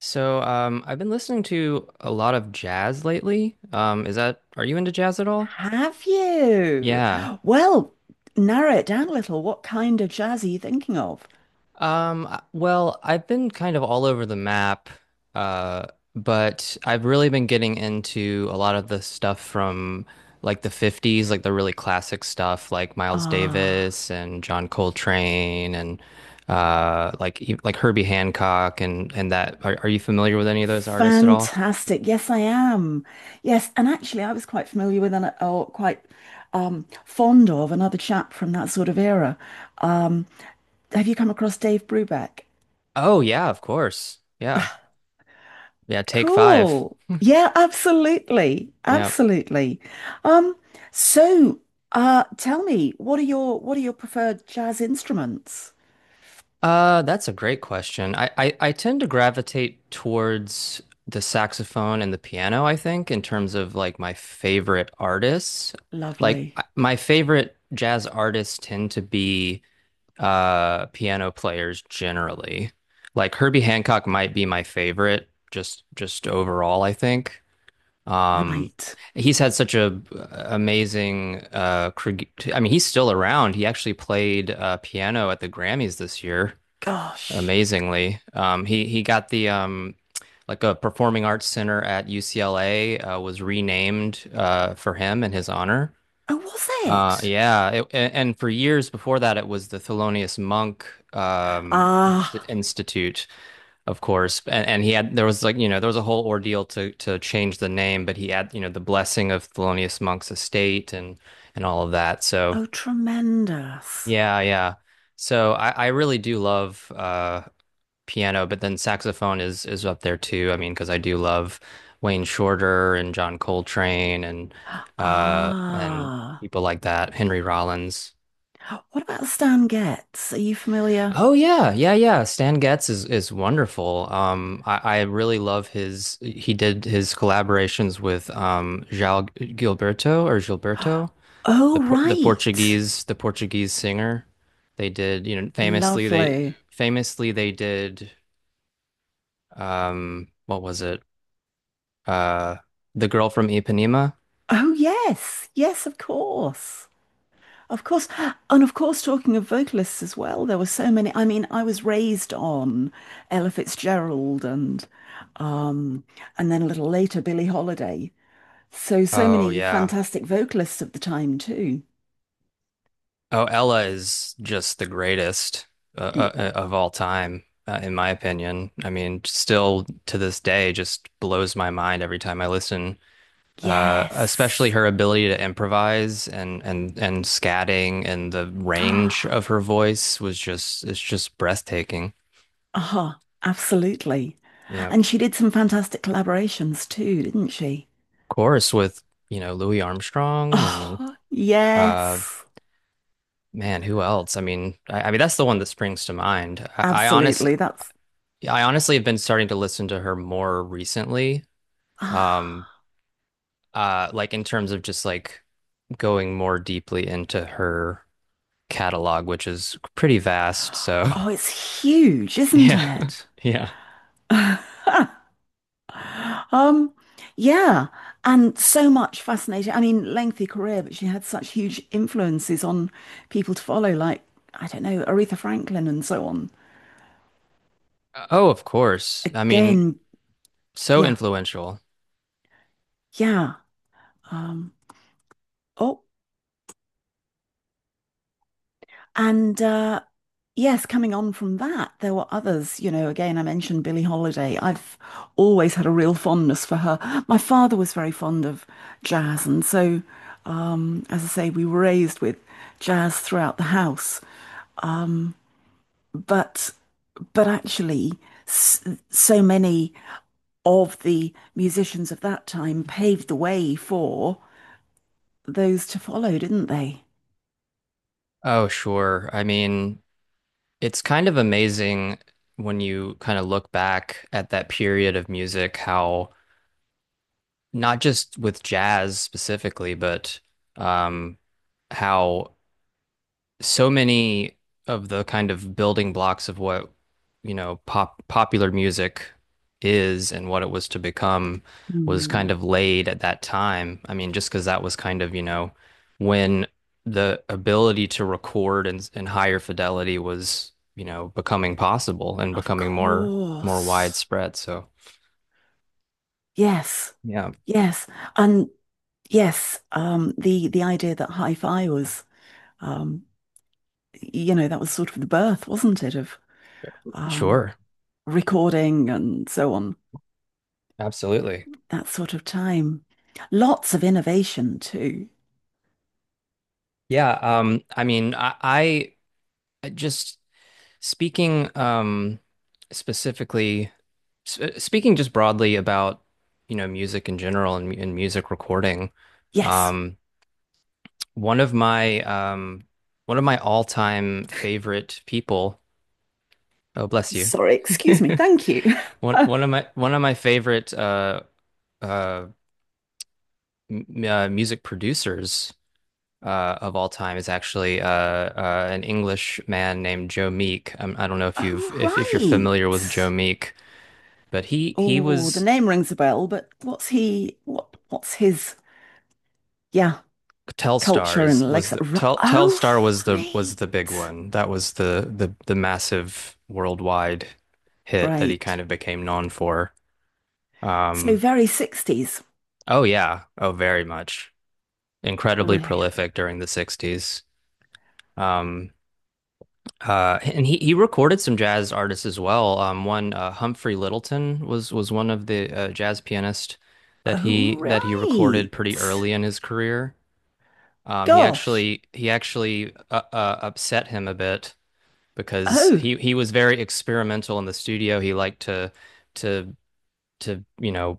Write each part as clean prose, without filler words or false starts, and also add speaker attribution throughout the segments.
Speaker 1: So I've been listening to a lot of jazz lately. Is that, are you into jazz at all?
Speaker 2: Have you?
Speaker 1: Yeah.
Speaker 2: Well, narrow it down a little. What kind of jazz are you thinking of?
Speaker 1: Well, I've been kind of all over the map, uh, but I've really been getting into a lot of the stuff from like the 50s, like the really classic stuff like Miles
Speaker 2: Ah,
Speaker 1: Davis and John Coltrane and like Herbie Hancock and that. Are you familiar with any of those artists at all?
Speaker 2: fantastic. Yes, I am. Yes, and actually, I was quite familiar with and or quite fond of another chap from that sort of era. Um, have you come across Dave Brubeck?
Speaker 1: Oh yeah, of course. Yeah. Yeah, Take Five.
Speaker 2: Cool. Yeah, absolutely.
Speaker 1: Yeah.
Speaker 2: Absolutely. Um, so, tell me, what are your preferred jazz instruments?
Speaker 1: That's a great question. I tend to gravitate towards the saxophone and the piano, I think, in terms of like my favorite artists. Like
Speaker 2: Lovely.
Speaker 1: I- my favorite jazz artists tend to be piano players generally. Like Herbie Hancock might be my favorite just overall, I think. Um
Speaker 2: Right.
Speaker 1: he's had such a amazing I mean he's still around. He actually played piano at the Grammys this year,
Speaker 2: Gosh.
Speaker 1: amazingly. He got the like a performing arts center at UCLA, was renamed, for him in his honor.
Speaker 2: Oh, was
Speaker 1: Uh,
Speaker 2: it?
Speaker 1: yeah, it, a- and for years before that, it was the Thelonious Monk,
Speaker 2: Ah.
Speaker 1: Institute, of course. And he had, there was like you know there was a whole ordeal to change the name, but he had you know the blessing of Thelonious Monk's estate and all of that. So
Speaker 2: Oh, tremendous.
Speaker 1: yeah, yeah. So I really do love piano, but then saxophone is up there too. I mean, because I do love Wayne Shorter and John Coltrane and uh and
Speaker 2: Ah.
Speaker 1: people like that, Henry Rollins.
Speaker 2: What about Stan Getz? Are you familiar?
Speaker 1: Oh yeah, yeah, yeah. Stan Getz is wonderful. I really love his. He did his collaborations with João Gilberto or Gilberto, the
Speaker 2: Oh,
Speaker 1: por the
Speaker 2: right.
Speaker 1: Portuguese, the Portuguese singer. They did, you know,
Speaker 2: Lovely.
Speaker 1: famously they did, what was it? Uh, the girl from Ipanema.
Speaker 2: Oh, yes. Yes, of course. Of course. And of course, talking of vocalists as well, there were so many. I mean, I was raised on Ella Fitzgerald um and then a little later Billie Holiday. So
Speaker 1: Oh
Speaker 2: many
Speaker 1: yeah.
Speaker 2: fantastic vocalists of the time too.
Speaker 1: Oh, Ella is just the greatest,
Speaker 2: Yeah.
Speaker 1: of all time, in my opinion. I mean, still to this day, just blows my mind every time I listen. Especially
Speaker 2: Yes.
Speaker 1: her ability to improvise and and scatting, and the range of her voice was just, it's just breathtaking.
Speaker 2: Uh-huh. Absolutely.
Speaker 1: Yeah, of
Speaker 2: And she did some fantastic collaborations too, didn't she?
Speaker 1: course with you know Louis Armstrong and,
Speaker 2: Oh,
Speaker 1: uh,
Speaker 2: yes.
Speaker 1: man, who else? I mean, I mean that's the one that springs to mind. I honestly,
Speaker 2: Absolutely. That's
Speaker 1: I honestly have been starting to listen to her more recently. Um,
Speaker 2: ah,
Speaker 1: like in terms of just like going more deeply into her catalog, which is pretty vast. So
Speaker 2: oh, it's huge, isn't
Speaker 1: yeah,
Speaker 2: it?
Speaker 1: yeah.
Speaker 2: Um, yeah. And so much fascinating. I mean, lengthy career, but she had such huge influences on people to follow, like, I don't know, Aretha Franklin and so on.
Speaker 1: Oh, of course. I mean,
Speaker 2: Again,
Speaker 1: so
Speaker 2: yeah,
Speaker 1: influential.
Speaker 2: yeah. Um, oh. And Yes, coming on from that, there were others. You know, again, I mentioned Billie Holiday. I've always had a real fondness for her. My father was very fond of jazz, and so, as I say, we were raised with jazz throughout the house. Um, but but actually, s so many of the musicians of that time paved the way for those to follow, didn't they?
Speaker 1: Oh, sure. I mean, it's kind of amazing when you kind of look back at that period of music, how not just with jazz specifically, but, um, how so many of the kind of building blocks of what, you know, popular music is and what it was to become was kind
Speaker 2: Hmm.
Speaker 1: of laid at that time. I mean, just because that was kind of, you know, when the ability to record in higher fidelity was, you know, becoming possible and
Speaker 2: Of
Speaker 1: becoming more
Speaker 2: course.
Speaker 1: widespread. So,
Speaker 2: Yes.
Speaker 1: yeah,
Speaker 2: Yes, and yes, the idea that hi-fi was, um, you know, that was sort of the birth, wasn't it, of um,
Speaker 1: sure.
Speaker 2: recording and so on,
Speaker 1: Absolutely.
Speaker 2: that sort of time. Lots of innovation too.
Speaker 1: Yeah, I mean, I just speaking, specifically, sp speaking just broadly about, you know, music in general and, and music recording.
Speaker 2: Yes.
Speaker 1: Um, one of my, one of my all-time favorite people. Oh, bless you.
Speaker 2: Sorry, excuse me. Thank you.
Speaker 1: One of my favorite, uh, m music producers, of all time is actually, an English man named Joe Meek. I don't know if
Speaker 2: Oh,
Speaker 1: you're
Speaker 2: right.
Speaker 1: familiar with Joe Meek, but he
Speaker 2: Oh, the
Speaker 1: was,
Speaker 2: name rings a bell, but what's he, what, what's his, yeah, culture
Speaker 1: Telstars
Speaker 2: and
Speaker 1: was
Speaker 2: legs?
Speaker 1: the
Speaker 2: Oh,
Speaker 1: Telstar was the
Speaker 2: right.
Speaker 1: big one. That was the massive worldwide hit that he kind
Speaker 2: Right.
Speaker 1: of became known for.
Speaker 2: So
Speaker 1: Um,
Speaker 2: very 60s.
Speaker 1: oh yeah, oh very much. Incredibly
Speaker 2: Brilliant.
Speaker 1: prolific during the 60s. Um, and he recorded some jazz artists as well. One, Humphrey Littleton was one of the, jazz pianist that
Speaker 2: Oh,
Speaker 1: he recorded
Speaker 2: right.
Speaker 1: pretty early in his career. He
Speaker 2: Gosh.
Speaker 1: actually upset him a bit because
Speaker 2: Oh,
Speaker 1: he was very experimental in the studio. He liked to to to you know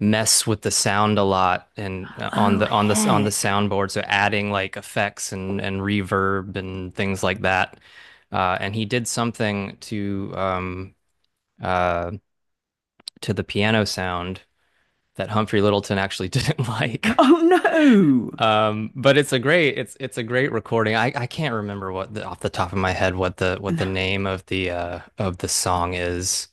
Speaker 1: mess with the sound a lot and, on
Speaker 2: oh,
Speaker 1: the
Speaker 2: heck.
Speaker 1: soundboard, so adding like effects and reverb and things like that and he did something uh to the piano sound that Humphrey Littleton actually didn't like,
Speaker 2: Oh, no.
Speaker 1: but it's a great, it's a great recording. I can't remember what the, off the top of my head, what the, what
Speaker 2: No.
Speaker 1: the name of the, of the song is.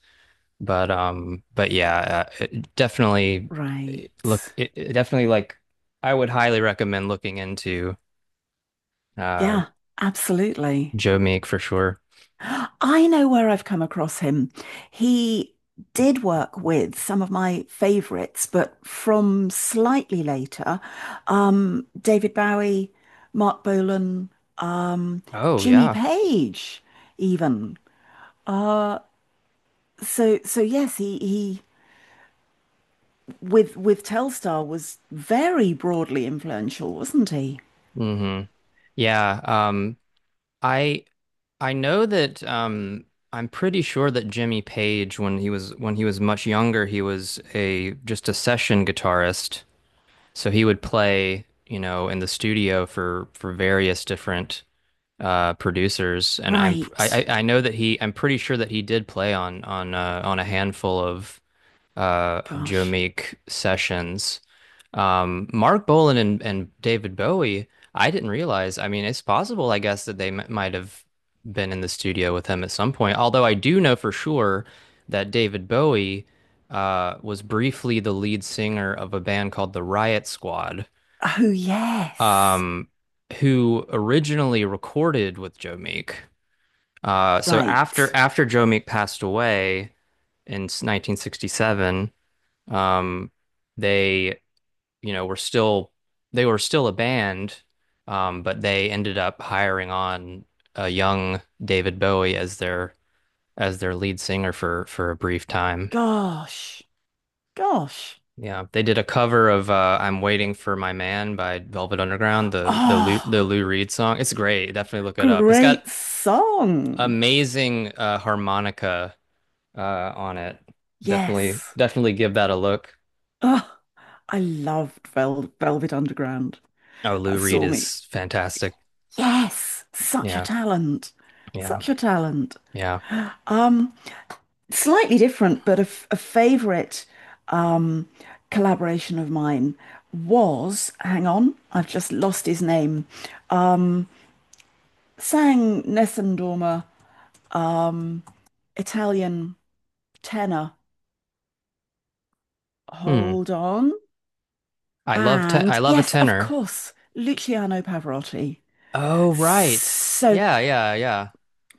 Speaker 1: But yeah, it definitely,
Speaker 2: Right.
Speaker 1: look. It definitely like, I would highly recommend looking into, uh
Speaker 2: Yeah, absolutely.
Speaker 1: Joe Meek for sure.
Speaker 2: I know where I've come across him. He did work with some of my favorites, but from slightly later, David Bowie, Mark Bolan, um,
Speaker 1: Oh
Speaker 2: Jimmy
Speaker 1: yeah,
Speaker 2: Page, even. Uh, so yes, he with Telstar was very broadly influential, wasn't he?
Speaker 1: hmm yeah. I I know that. I'm pretty sure that Jimmy Page, when he was much younger, he was a just a session guitarist. So he would play, you know, in the studio for various different producers, and I'm I
Speaker 2: Right.
Speaker 1: I know that he I'm pretty sure that he did play on on a handful of, Joe
Speaker 2: Gosh.
Speaker 1: Meek sessions. Mark Bolan and David Bowie, I didn't realize. I mean, it's possible I guess that they m might have been in the studio with him at some point. Although I do know for sure that David Bowie, was briefly the lead singer of a band called the Riot Squad.
Speaker 2: Oh yes.
Speaker 1: Um who originally recorded with Joe Meek. So
Speaker 2: Right.
Speaker 1: after Joe Meek passed away in 1967, um, they you know were still, they were still a band, but they ended up hiring on a young David Bowie as their, as their lead singer for a brief time.
Speaker 2: Gosh. Gosh.
Speaker 1: Yeah, they did a cover of, "I'm Waiting for My Man" by Velvet Underground, the the Lou,
Speaker 2: Oh.
Speaker 1: the Lou Reed song. It's great. Definitely look it up. It's got
Speaker 2: Great song.
Speaker 1: amazing, harmonica, on it. Definitely,
Speaker 2: Yes.
Speaker 1: definitely give that a look.
Speaker 2: Oh, I loved Velvet Underground.
Speaker 1: Oh, Lou
Speaker 2: That
Speaker 1: Reed
Speaker 2: saw me.
Speaker 1: is fantastic.
Speaker 2: Yes, such a
Speaker 1: Yeah,
Speaker 2: talent.
Speaker 1: yeah,
Speaker 2: Such a talent.
Speaker 1: yeah.
Speaker 2: Um, Slightly different, but a favorite um collaboration of mine was, hang on, I've just lost his name. Um, Sang Nessun Dorma, um, Italian tenor.
Speaker 1: Hmm.
Speaker 2: Hold on.
Speaker 1: I
Speaker 2: And
Speaker 1: love a
Speaker 2: yes, of
Speaker 1: tenor.
Speaker 2: course, Luciano Pavarotti.
Speaker 1: Oh, right.
Speaker 2: So
Speaker 1: Yeah, yeah,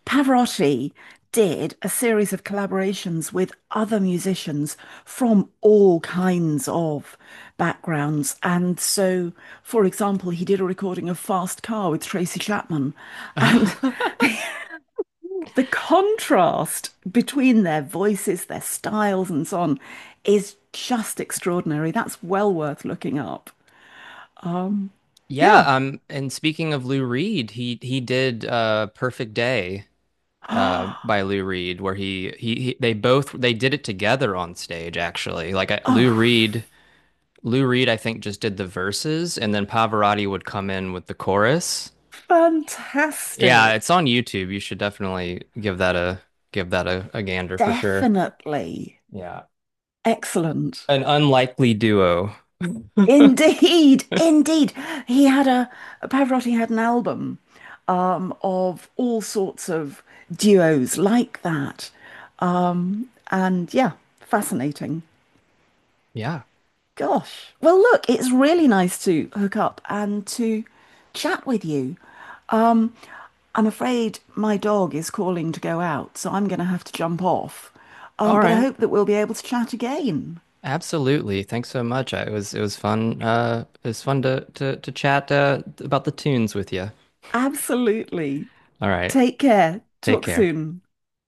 Speaker 2: Pavarotti did a series of collaborations with other musicians from all kinds of backgrounds. And so, for example, he did a recording of Fast Car with Tracy Chapman. And
Speaker 1: yeah.
Speaker 2: the, the contrast between their voices, their styles, and so on is just extraordinary. That's well worth looking up. Um,
Speaker 1: Yeah,
Speaker 2: yeah.
Speaker 1: and speaking of Lou Reed, he did Perfect Day by Lou Reed, where he they both, they did it together on stage actually. Like I,
Speaker 2: Oh,
Speaker 1: Lou Reed I think just did the verses and then Pavarotti would come in with the chorus. Yeah, it's
Speaker 2: fantastic.
Speaker 1: on YouTube. You should definitely give that a, give that a gander for sure.
Speaker 2: Definitely.
Speaker 1: Yeah.
Speaker 2: Excellent.
Speaker 1: An unlikely duo.
Speaker 2: Indeed, indeed. He had Pavarotti had an album of all sorts of duos like that. And yeah, fascinating.
Speaker 1: Yeah.
Speaker 2: Gosh. Well, look, it's really nice to hook up and to chat with you. Um, I'm afraid my dog is calling to go out, so I'm going to have to jump off.
Speaker 1: All
Speaker 2: But I
Speaker 1: right.
Speaker 2: hope that we'll be able to chat again.
Speaker 1: Absolutely. Thanks so much. I- it was fun. It was fun to to chat, about the tunes with you.
Speaker 2: Absolutely.
Speaker 1: All right.
Speaker 2: Take care.
Speaker 1: Take
Speaker 2: Talk
Speaker 1: care.
Speaker 2: soon.